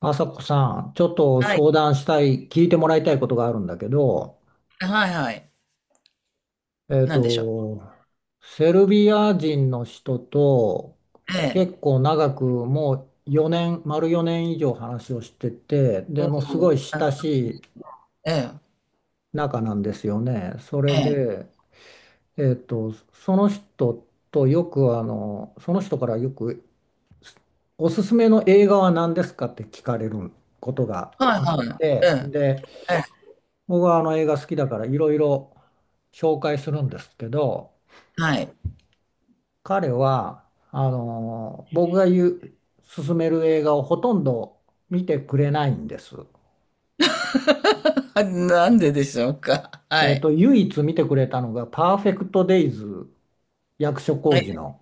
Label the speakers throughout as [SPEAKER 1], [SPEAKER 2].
[SPEAKER 1] あさこさん、ちょっと
[SPEAKER 2] はい。
[SPEAKER 1] 相談したい、聞いてもらいたいことがあるんだけど、
[SPEAKER 2] はいはい。
[SPEAKER 1] えっ
[SPEAKER 2] なんでしょう。
[SPEAKER 1] と、セルビア人の人と
[SPEAKER 2] ええ。
[SPEAKER 1] 結構長くもう4年、丸4年以上話をしてて、
[SPEAKER 2] お
[SPEAKER 1] ですご
[SPEAKER 2] お、
[SPEAKER 1] い親しい
[SPEAKER 2] ええ、
[SPEAKER 1] 仲なんですよね。それ
[SPEAKER 2] ええ。
[SPEAKER 1] で、その人とよくあの、その人からよくおすすめの映画は何ですかって聞かれることが
[SPEAKER 2] はい
[SPEAKER 1] あっ
[SPEAKER 2] はい。え
[SPEAKER 1] て、
[SPEAKER 2] え、
[SPEAKER 1] で、
[SPEAKER 2] ええ、
[SPEAKER 1] 僕はあの映画好きだからいろいろ紹介するんですけど、
[SPEAKER 2] はい。
[SPEAKER 1] 彼は、僕が言う、勧める映画をほとんど見てくれないんです。
[SPEAKER 2] なんででしょうか。はい。
[SPEAKER 1] 唯一見てくれたのがパーフェクトデイズ、役所広
[SPEAKER 2] え、
[SPEAKER 1] 司の。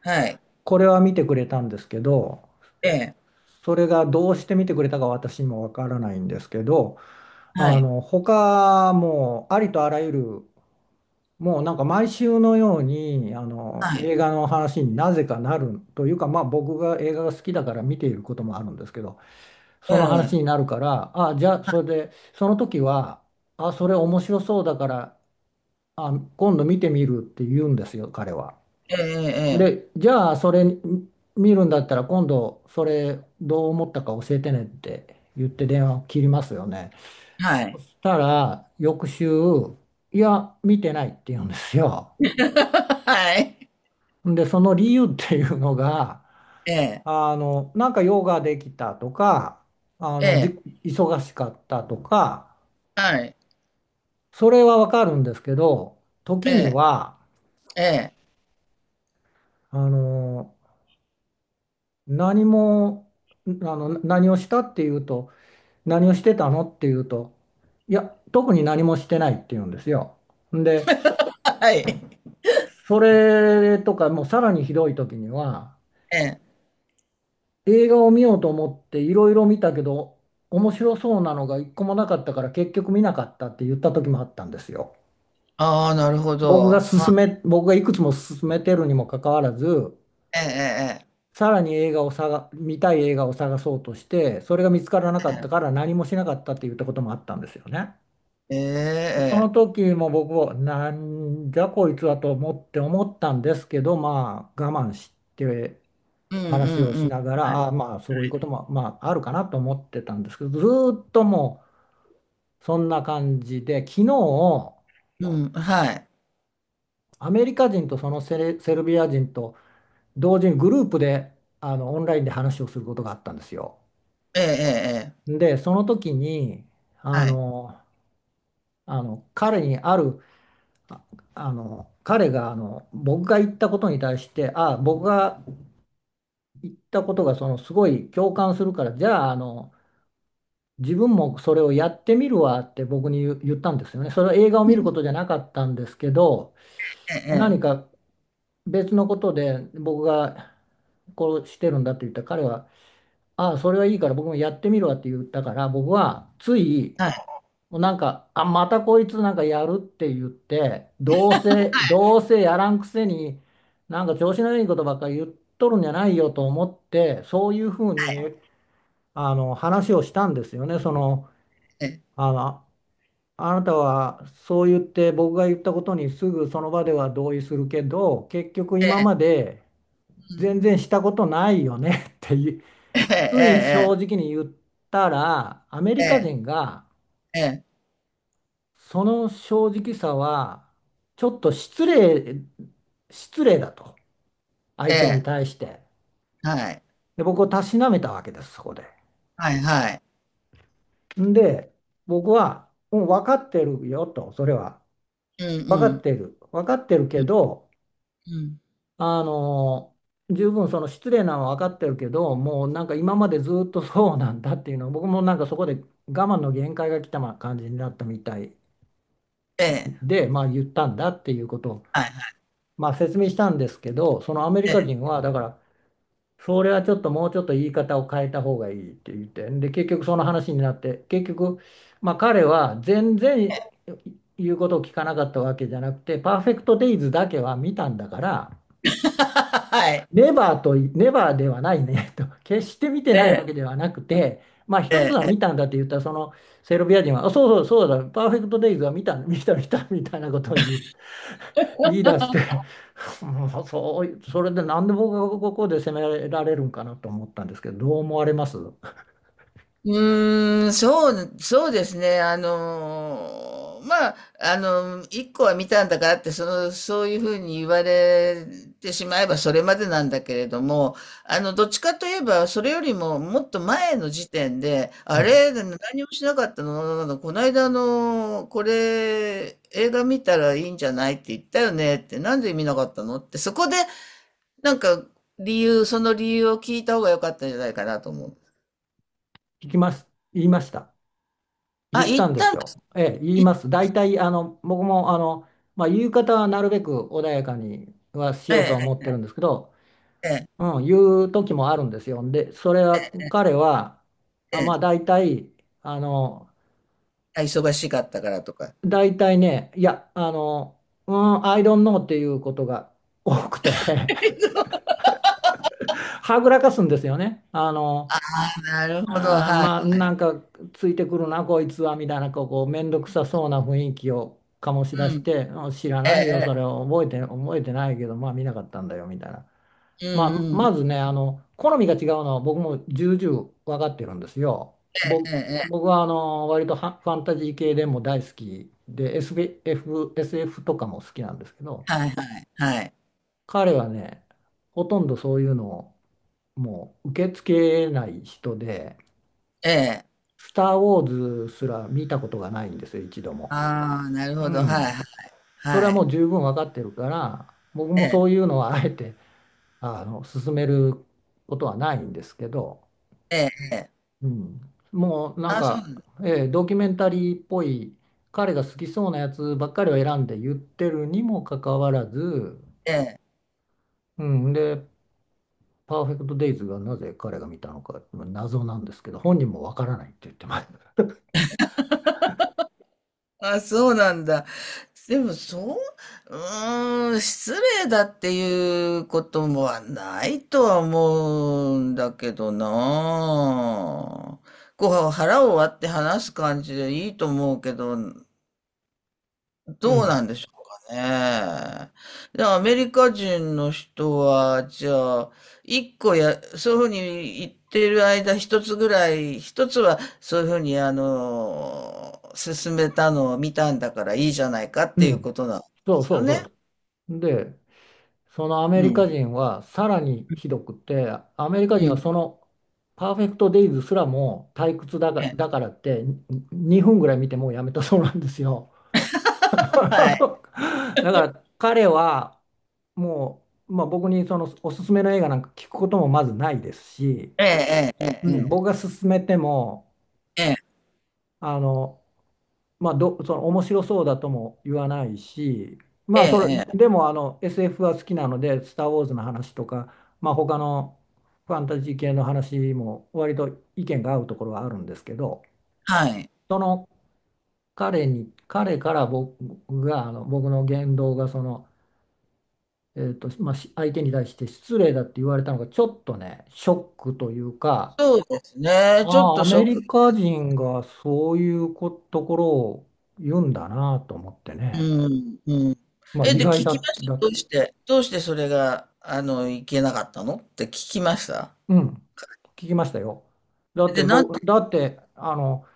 [SPEAKER 2] はい。
[SPEAKER 1] これは見てくれたんですけど、
[SPEAKER 2] ええ、
[SPEAKER 1] それがどうして見てくれたか私にもわからないんですけど、
[SPEAKER 2] は
[SPEAKER 1] あ
[SPEAKER 2] い。
[SPEAKER 1] の、他もうありとあらゆるもうなんか毎週のようにあの
[SPEAKER 2] はい。
[SPEAKER 1] 映画の話になぜかなるというか、まあ、僕が映画が好きだから見ていることもあるんですけど、
[SPEAKER 2] え
[SPEAKER 1] その話に
[SPEAKER 2] え、
[SPEAKER 1] なるから、あ、じゃあそれでその時は、あ、それ面白そうだから、あ、今度見てみるって言うんですよ彼は。
[SPEAKER 2] ええ、ええ、え
[SPEAKER 1] で、
[SPEAKER 2] え、
[SPEAKER 1] じゃあそれ見るんだったら今度それどう思ったか教えてねって言って電話を切りますよね。
[SPEAKER 2] はい。
[SPEAKER 1] したら翌週、いや見てないって言うんですよ。
[SPEAKER 2] はい。
[SPEAKER 1] で、その理由っていうのが、
[SPEAKER 2] ええ、
[SPEAKER 1] なんか用ができたとか、
[SPEAKER 2] ええ、
[SPEAKER 1] 忙しかったとか、
[SPEAKER 2] はい。
[SPEAKER 1] それはわかるんですけど、
[SPEAKER 2] え
[SPEAKER 1] 時に
[SPEAKER 2] え、
[SPEAKER 1] は、
[SPEAKER 2] ええ
[SPEAKER 1] あの、何も、あの、何をしたっていうと、何をしてたのっていうと、いや、特に何もしてないっていうんですよ。で、
[SPEAKER 2] はい。
[SPEAKER 1] それとか、もうさらにひどい時には、
[SPEAKER 2] ええ。
[SPEAKER 1] 映画を見ようと思っていろいろ見たけど、面白そうなのが一個もなかったから結局見なかったって言った時もあったんですよ。
[SPEAKER 2] ああ、なるほど。はい。
[SPEAKER 1] 僕がいくつも勧めてるにもかかわらず、さらに映画を探、見たい映画を探そうとして、それが見つからなかったから何もしなかったって言ったこともあったんですよね。
[SPEAKER 2] ええ、ええ。え
[SPEAKER 1] でその
[SPEAKER 2] え、ええ。
[SPEAKER 1] 時も僕は、なんじゃこいつはと思ったんですけど、まあ我慢して、
[SPEAKER 2] うんうん
[SPEAKER 1] 話を
[SPEAKER 2] う
[SPEAKER 1] し
[SPEAKER 2] ん。
[SPEAKER 1] ながら、
[SPEAKER 2] はい。
[SPEAKER 1] ああ、まあそういうこともまああるかなと思ってたんですけど、ずーっとそんな感じで、昨日、
[SPEAKER 2] うん、はい。
[SPEAKER 1] アメリカ人とセルビア人と同時にグループで、あのオンラインで話をすることがあったんですよ。
[SPEAKER 2] ええええええ、
[SPEAKER 1] で、その時に、あ
[SPEAKER 2] はい。
[SPEAKER 1] の、あの彼にある、ああの彼が、あの僕が言ったことに対して、ああ、僕が言ったことがそのすごい共感するから、じゃあ、あの、自分もそれをやってみるわって僕に言ったんですよね。それは映画を見ることじゃなかったんですけど、
[SPEAKER 2] ええ
[SPEAKER 1] 何
[SPEAKER 2] ええ、
[SPEAKER 1] か別のことで僕がこうしてるんだって言ったら彼は、ああ、それはいいから僕もやってみるわって言ったから、僕はつい、
[SPEAKER 2] はい
[SPEAKER 1] もうなんか、あ、またこいつなんかやるって言って、どうせやらんくせに、なんか調子のいいことばっかり言っとるんじゃないよと思って、そういうふう
[SPEAKER 2] はい、
[SPEAKER 1] に、あの、話をしたんですよね。その、
[SPEAKER 2] ええ、
[SPEAKER 1] あの、あなたはそう言って僕が言ったことにすぐその場では同意するけど結局
[SPEAKER 2] え
[SPEAKER 1] 今
[SPEAKER 2] え、
[SPEAKER 1] まで
[SPEAKER 2] うん。
[SPEAKER 1] 全然したことないよね っていう、
[SPEAKER 2] え
[SPEAKER 1] つい
[SPEAKER 2] ええ
[SPEAKER 1] 正
[SPEAKER 2] え
[SPEAKER 1] 直に言ったら、アメ
[SPEAKER 2] え
[SPEAKER 1] リカ
[SPEAKER 2] え、
[SPEAKER 1] 人が
[SPEAKER 2] ええ、
[SPEAKER 1] その正直さはちょっと失礼だと、
[SPEAKER 2] え
[SPEAKER 1] 相手に
[SPEAKER 2] え、
[SPEAKER 1] 対してで、僕をたしなめたわけですそこで。
[SPEAKER 2] はいはい。はい、
[SPEAKER 1] んで僕はもう分かってるよと、それは
[SPEAKER 2] うん
[SPEAKER 1] 分
[SPEAKER 2] う
[SPEAKER 1] かっ
[SPEAKER 2] ん、
[SPEAKER 1] てる分かってる
[SPEAKER 2] う
[SPEAKER 1] け
[SPEAKER 2] ん、
[SPEAKER 1] ど、
[SPEAKER 2] うん。
[SPEAKER 1] あの、十分その失礼なのは分かってるけど、もうなんか今までずっとそうなんだっていうのを僕もなんかそこで我慢の限界が来た、ま、感じになったみたい
[SPEAKER 2] ええ、
[SPEAKER 1] で、まあ、言ったんだっていうことを、
[SPEAKER 2] はいはい、
[SPEAKER 1] まあ、説明したんですけど、そのアメリ
[SPEAKER 2] え
[SPEAKER 1] カ
[SPEAKER 2] え。
[SPEAKER 1] 人はだから、それはちょっともうちょっと言い方を変えた方がいいって言って、で結局その話になって、結局、まあ、彼は全然言うことを聞かなかったわけじゃなくて、パーフェクトデイズだけは見たんだから。
[SPEAKER 2] はい。
[SPEAKER 1] ネバーとネバーではないねと、決して見て
[SPEAKER 2] え
[SPEAKER 1] ないわけ
[SPEAKER 2] え、
[SPEAKER 1] ではなくて、まあ一つ
[SPEAKER 2] え
[SPEAKER 1] は
[SPEAKER 2] え。
[SPEAKER 1] 見たんだって言ったら、そのセルビア人は、あ、そうそうそうだ、パーフェクトデイズは見た、見た、見た、みたいなことを言い出して、もうそう、それでなんで僕がここで責められるんかなと思ったんですけど、どう思われますう、
[SPEAKER 2] うーん、そう、そうですね。まあ、一個は見たんだからって、そういうふうに言われてしまえばそれまでなんだけれども、どっちかといえば、それよりももっと前の時点で、
[SPEAKER 1] ん、
[SPEAKER 2] あれ、何もしなかったの、この間これ、映画見たらいいんじゃないって言ったよねって、なんで見なかったのって、そこで、なんか、理由、その理由を聞いた方が良かったんじゃないかなと思う。
[SPEAKER 1] 聞きます。言いました。
[SPEAKER 2] あ、
[SPEAKER 1] 言った
[SPEAKER 2] 行
[SPEAKER 1] ん
[SPEAKER 2] っ
[SPEAKER 1] で
[SPEAKER 2] たん
[SPEAKER 1] すよ。
[SPEAKER 2] だ。
[SPEAKER 1] ええ、言います。大体、あの、僕も、あの、まあ、言い方はなるべく穏やかにはしようと
[SPEAKER 2] え
[SPEAKER 1] は思っ
[SPEAKER 2] え
[SPEAKER 1] てるんですけど、
[SPEAKER 2] ええ
[SPEAKER 1] うん、いう時もあるんですよ。で、それは彼は、
[SPEAKER 2] ええ
[SPEAKER 1] あ、
[SPEAKER 2] え
[SPEAKER 1] まあ
[SPEAKER 2] え。
[SPEAKER 1] 大体、あの、
[SPEAKER 2] あ、忙しかったからとか。
[SPEAKER 1] 大体ね、I don't know っていうことが多くて はぐらかすんですよね。
[SPEAKER 2] なるほど、はい。
[SPEAKER 1] まあなんかついてくるな、こいつは、みたいな、こうめんどくさそうな雰囲気を醸し出し
[SPEAKER 2] う
[SPEAKER 1] て、うん、知ら
[SPEAKER 2] ん。
[SPEAKER 1] ないよ、そ
[SPEAKER 2] え
[SPEAKER 1] れ
[SPEAKER 2] え
[SPEAKER 1] を覚えて、覚えてないけど、まあ見なかったんだよ、みたいな。
[SPEAKER 2] ええ。
[SPEAKER 1] まあ、
[SPEAKER 2] うんう
[SPEAKER 1] ま
[SPEAKER 2] ん。
[SPEAKER 1] ずね、あの、好みが違うのは僕も重々分かってるんですよ。
[SPEAKER 2] ええ
[SPEAKER 1] ぼ
[SPEAKER 2] えええ
[SPEAKER 1] 僕
[SPEAKER 2] え。
[SPEAKER 1] はあの割とはファンタジー系でも大好きで、SF とかも好きなんですけど、
[SPEAKER 2] はいはいはい。
[SPEAKER 1] 彼はね、ほとんどそういうのをもう受け付けない人で、
[SPEAKER 2] ええ。
[SPEAKER 1] スター・ウォーズすら見たことがないんですよ、一度も。
[SPEAKER 2] ああ、なる
[SPEAKER 1] う
[SPEAKER 2] ほど、はい
[SPEAKER 1] ん。
[SPEAKER 2] はい
[SPEAKER 1] それ
[SPEAKER 2] は
[SPEAKER 1] はも
[SPEAKER 2] い。
[SPEAKER 1] う十分分かってるから、僕も
[SPEAKER 2] え
[SPEAKER 1] そうい
[SPEAKER 2] え、
[SPEAKER 1] うのはあえてあの勧めることはないんですけど、
[SPEAKER 2] ええええ。
[SPEAKER 1] うん、もうなん
[SPEAKER 2] あ、そ
[SPEAKER 1] か、
[SPEAKER 2] う、
[SPEAKER 1] えードキュメンタリーっぽい彼が好きそうなやつばっかりを選んで言ってるにもかかわらず、
[SPEAKER 2] ええ。
[SPEAKER 1] うん、で「パーフェクト・デイズ」がなぜ彼が見たのか謎なんですけど本人もわからないって言ってます。
[SPEAKER 2] あ、そうなんだ。でもそう、うーん、失礼だっていうこともはないとは思うんだけどなあ。こう、腹を割って話す感じでいいと思うけど、
[SPEAKER 1] う
[SPEAKER 2] どうな
[SPEAKER 1] ん、
[SPEAKER 2] んでしょうかね。で、アメリカ人の人は、じゃあ、一個や、そういうふうに言ってる間、一つぐらい、一つはそういうふうに、進めたのを見たんだからいいじゃないかっ
[SPEAKER 1] う
[SPEAKER 2] ていう
[SPEAKER 1] ん、
[SPEAKER 2] ことなんで
[SPEAKER 1] そう
[SPEAKER 2] す
[SPEAKER 1] そ
[SPEAKER 2] よ
[SPEAKER 1] うそ
[SPEAKER 2] ね。
[SPEAKER 1] うです。でそのアメ
[SPEAKER 2] う
[SPEAKER 1] リ
[SPEAKER 2] ん。
[SPEAKER 1] カ人はさらにひどくて、アメリカ
[SPEAKER 2] う
[SPEAKER 1] 人は
[SPEAKER 2] ん。
[SPEAKER 1] その「パーフェクト・デイズ」すらも退屈だが、
[SPEAKER 2] え、
[SPEAKER 1] だからってに2分ぐらい見てもうやめたそうなんですよ。
[SPEAKER 2] はい。
[SPEAKER 1] だから彼はもう、まあ、僕にそのおすすめの映画なんか聞くこともまずないですし、
[SPEAKER 2] ええ、ええ、
[SPEAKER 1] う
[SPEAKER 2] え
[SPEAKER 1] ん、僕
[SPEAKER 2] え、
[SPEAKER 1] が勧めてもあの、まあ、その面白そうだとも言わないし、
[SPEAKER 2] え
[SPEAKER 1] ま
[SPEAKER 2] え、
[SPEAKER 1] あ、それ
[SPEAKER 2] ええ、え
[SPEAKER 1] で
[SPEAKER 2] え、
[SPEAKER 1] もあの SF は好きなので「スター・ウォーズ」の話とか、まあ、他のファンタジー系の話も割と意見が合うところはあるんですけど、
[SPEAKER 2] はい。
[SPEAKER 1] その、彼から僕があの僕の言動がその、まあ、相手に対して失礼だって言われたのがちょっとね、ショックというか、
[SPEAKER 2] そうですね。ちょっ
[SPEAKER 1] ああ、ア
[SPEAKER 2] と
[SPEAKER 1] メリカ人がそういうころを言うんだなと思って
[SPEAKER 2] う
[SPEAKER 1] ね、
[SPEAKER 2] ん、うん。
[SPEAKER 1] まあ、
[SPEAKER 2] え、
[SPEAKER 1] 意
[SPEAKER 2] で、
[SPEAKER 1] 外
[SPEAKER 2] 聞きま
[SPEAKER 1] だ、
[SPEAKER 2] し
[SPEAKER 1] だ
[SPEAKER 2] た。ど
[SPEAKER 1] っ
[SPEAKER 2] う
[SPEAKER 1] た。
[SPEAKER 2] して、どうしてそれが、いけなかったのって聞きました。
[SPEAKER 1] うん、聞きましたよ。
[SPEAKER 2] で、なんと、
[SPEAKER 1] だってあの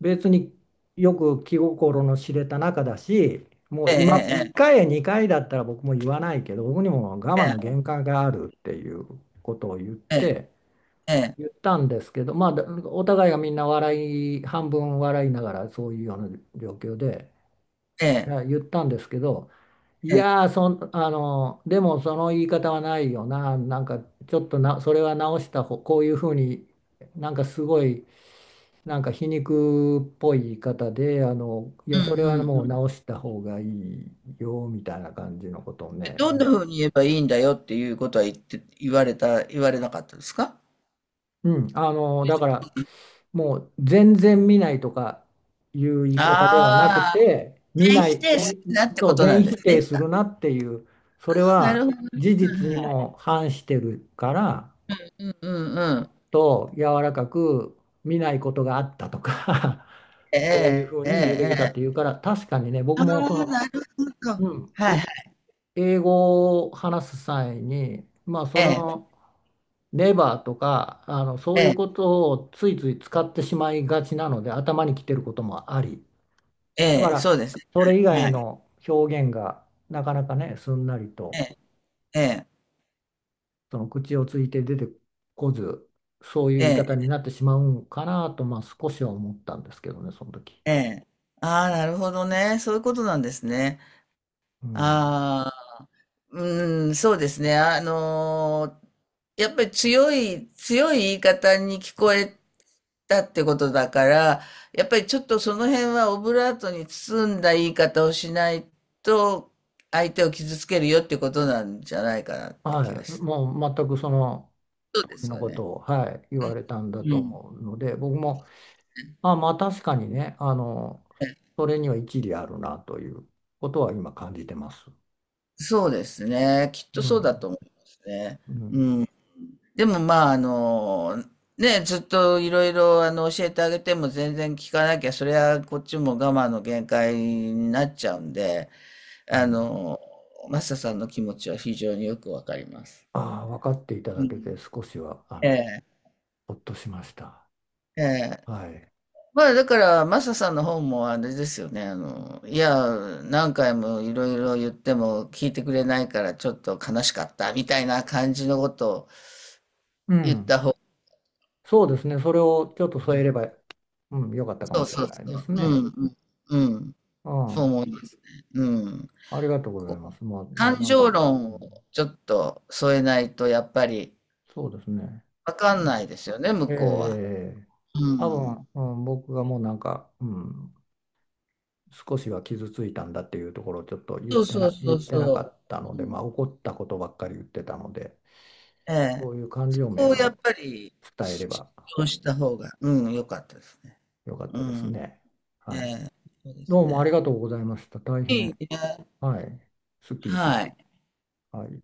[SPEAKER 1] 別によく気心の知れた仲だし、もう
[SPEAKER 2] え
[SPEAKER 1] 今、1
[SPEAKER 2] え、
[SPEAKER 1] 回や2回だったら僕も言わないけど、僕にも我
[SPEAKER 2] え
[SPEAKER 1] 慢の
[SPEAKER 2] え、
[SPEAKER 1] 限界があるっていうことを言っ
[SPEAKER 2] ええ、
[SPEAKER 1] て、
[SPEAKER 2] ええ、
[SPEAKER 1] 言ったんですけど、まあ、だお互いがみんな半分笑いながらそういうような状況で、
[SPEAKER 2] え
[SPEAKER 1] い
[SPEAKER 2] え、
[SPEAKER 1] や、言ったんですけど、い
[SPEAKER 2] ええ、
[SPEAKER 1] やーそん、あの、でもその言い方はないよな、なんかちょっとな、それは直した方、こういうふうになんかすごい、なんか皮肉っぽい言い方で、あの、い
[SPEAKER 2] うん
[SPEAKER 1] や、それ
[SPEAKER 2] う
[SPEAKER 1] は
[SPEAKER 2] んう
[SPEAKER 1] もう
[SPEAKER 2] ん。
[SPEAKER 1] 直した方がいいよ、みたいな感じのことを
[SPEAKER 2] で
[SPEAKER 1] ね、
[SPEAKER 2] どんな風に言えばいいんだよっていうことは言って、言われた、言われなかったですか。
[SPEAKER 1] うん、あのだから、もう全然見ないとかいう言い方ではなく
[SPEAKER 2] ああ、
[SPEAKER 1] て、見
[SPEAKER 2] 全
[SPEAKER 1] な
[SPEAKER 2] 否
[SPEAKER 1] い
[SPEAKER 2] 定す
[SPEAKER 1] み
[SPEAKER 2] るなって
[SPEAKER 1] そ
[SPEAKER 2] こ
[SPEAKER 1] う、
[SPEAKER 2] とな
[SPEAKER 1] 全
[SPEAKER 2] んです
[SPEAKER 1] 否定
[SPEAKER 2] ね。
[SPEAKER 1] するなっていう、それ
[SPEAKER 2] あーなる
[SPEAKER 1] は
[SPEAKER 2] ほどね。
[SPEAKER 1] 事実
[SPEAKER 2] はい
[SPEAKER 1] に
[SPEAKER 2] はい、
[SPEAKER 1] も反してるから
[SPEAKER 2] うんうんうん。
[SPEAKER 1] と、柔らかく見ないことがあったとか
[SPEAKER 2] え
[SPEAKER 1] そういうふ
[SPEAKER 2] え、
[SPEAKER 1] う
[SPEAKER 2] ええ、
[SPEAKER 1] に言うべきだっ
[SPEAKER 2] え
[SPEAKER 1] てい
[SPEAKER 2] え。
[SPEAKER 1] うから、確かにね、
[SPEAKER 2] あ
[SPEAKER 1] 僕
[SPEAKER 2] あ、な
[SPEAKER 1] もその、
[SPEAKER 2] るほど。は
[SPEAKER 1] うん、
[SPEAKER 2] いはい。
[SPEAKER 1] え英語を話す際にまあそ
[SPEAKER 2] ええ、
[SPEAKER 1] のレバーとか、あの、
[SPEAKER 2] え
[SPEAKER 1] そういう
[SPEAKER 2] え、
[SPEAKER 1] ことをついつい使ってしまいがちなので、頭にきてることもあり。だか
[SPEAKER 2] ええ、そ
[SPEAKER 1] ら、
[SPEAKER 2] うですね。
[SPEAKER 1] それ以外
[SPEAKER 2] はい。
[SPEAKER 1] の表現がなかなかね、すんなりと、
[SPEAKER 2] ええ、
[SPEAKER 1] その口をついて出てこず、そういう
[SPEAKER 2] え
[SPEAKER 1] 言い方に
[SPEAKER 2] え、
[SPEAKER 1] なってしまうんかなと、まあ少しは思ったんですけどね、その時。
[SPEAKER 2] ええ。ああ、なるほどね。そういうことなんですね。
[SPEAKER 1] うん。
[SPEAKER 2] ああ、うん、そうですね。やっぱり強い、強い言い方に聞こえたってことだから、やっぱりちょっとその辺はオブラートに包んだ言い方をしないと、相手を傷つけるよってことなんじゃないかなって気が
[SPEAKER 1] はい。
[SPEAKER 2] して。
[SPEAKER 1] もう全くその
[SPEAKER 2] そう
[SPEAKER 1] 通
[SPEAKER 2] で
[SPEAKER 1] り
[SPEAKER 2] す
[SPEAKER 1] の
[SPEAKER 2] よ
[SPEAKER 1] こ
[SPEAKER 2] ね。
[SPEAKER 1] とを、はい、言われたんだと
[SPEAKER 2] うん。
[SPEAKER 1] 思うので、僕もあ、まあ確かにね、あの、それには一理あるなということは今感じてます。
[SPEAKER 2] そうですね。きっと
[SPEAKER 1] う
[SPEAKER 2] そうだ
[SPEAKER 1] ん、
[SPEAKER 2] と思いますね。
[SPEAKER 1] う
[SPEAKER 2] う
[SPEAKER 1] ん、
[SPEAKER 2] ん。でもまあ、ね、ずっといろいろ教えてあげても全然聞かなきゃ、それはこっちも我慢の限界になっちゃうんで、
[SPEAKER 1] う
[SPEAKER 2] あ
[SPEAKER 1] ん。
[SPEAKER 2] の、マサさんの気持ちは非常によくわかります。
[SPEAKER 1] ああ、分かっていた
[SPEAKER 2] う
[SPEAKER 1] だけ
[SPEAKER 2] ん、
[SPEAKER 1] て少しは、あ
[SPEAKER 2] え
[SPEAKER 1] の、
[SPEAKER 2] え、
[SPEAKER 1] ほっとしました。
[SPEAKER 2] ええ。
[SPEAKER 1] はい。
[SPEAKER 2] まあだから、マサさんの方もあれですよね、いや、何回もいろいろ言っても聞いてくれないからちょっと悲しかったみたいな感じのことを
[SPEAKER 1] う
[SPEAKER 2] 言っ
[SPEAKER 1] ん。
[SPEAKER 2] た方が、
[SPEAKER 1] そうですね。それをちょっと添えれば、うん、よかったか
[SPEAKER 2] そ
[SPEAKER 1] も
[SPEAKER 2] う
[SPEAKER 1] しれ
[SPEAKER 2] そう
[SPEAKER 1] ないで
[SPEAKER 2] そう、
[SPEAKER 1] す
[SPEAKER 2] う
[SPEAKER 1] ね。
[SPEAKER 2] ん、うん、うん。
[SPEAKER 1] う
[SPEAKER 2] そう
[SPEAKER 1] ん。
[SPEAKER 2] 思いますね。うん。
[SPEAKER 1] ありがとうござ
[SPEAKER 2] こ
[SPEAKER 1] い
[SPEAKER 2] う
[SPEAKER 1] ます。
[SPEAKER 2] 感情論をちょっと添えないとやっぱり
[SPEAKER 1] そうですね。
[SPEAKER 2] わか
[SPEAKER 1] う
[SPEAKER 2] ん
[SPEAKER 1] ん、
[SPEAKER 2] ないですよね、向
[SPEAKER 1] え
[SPEAKER 2] こうは。
[SPEAKER 1] え
[SPEAKER 2] う
[SPEAKER 1] 多
[SPEAKER 2] ん。
[SPEAKER 1] 分、うん、僕がもうなんか、うん、少しは傷ついたんだっていうところをちょっと言っ
[SPEAKER 2] そう
[SPEAKER 1] て
[SPEAKER 2] そ
[SPEAKER 1] な、
[SPEAKER 2] う
[SPEAKER 1] 言
[SPEAKER 2] そ
[SPEAKER 1] っ
[SPEAKER 2] う
[SPEAKER 1] てなか
[SPEAKER 2] そ
[SPEAKER 1] ったの
[SPEAKER 2] う。う
[SPEAKER 1] で、まあ、
[SPEAKER 2] ん、
[SPEAKER 1] 怒ったことばっかり言ってたので、
[SPEAKER 2] ええ。
[SPEAKER 1] そういう感
[SPEAKER 2] そ
[SPEAKER 1] 情
[SPEAKER 2] こ
[SPEAKER 1] 面
[SPEAKER 2] をやっ
[SPEAKER 1] を
[SPEAKER 2] ぱり
[SPEAKER 1] 伝えれば
[SPEAKER 2] そうした方が、うん、良かったですね。
[SPEAKER 1] よかっ
[SPEAKER 2] う
[SPEAKER 1] たです
[SPEAKER 2] ん、
[SPEAKER 1] ね。はい。
[SPEAKER 2] そうです
[SPEAKER 1] どうもあり
[SPEAKER 2] ね。
[SPEAKER 1] がとうございました。大
[SPEAKER 2] い
[SPEAKER 1] 変、
[SPEAKER 2] いね。
[SPEAKER 1] はい、すっきりしま
[SPEAKER 2] は
[SPEAKER 1] し
[SPEAKER 2] い。
[SPEAKER 1] た。はい。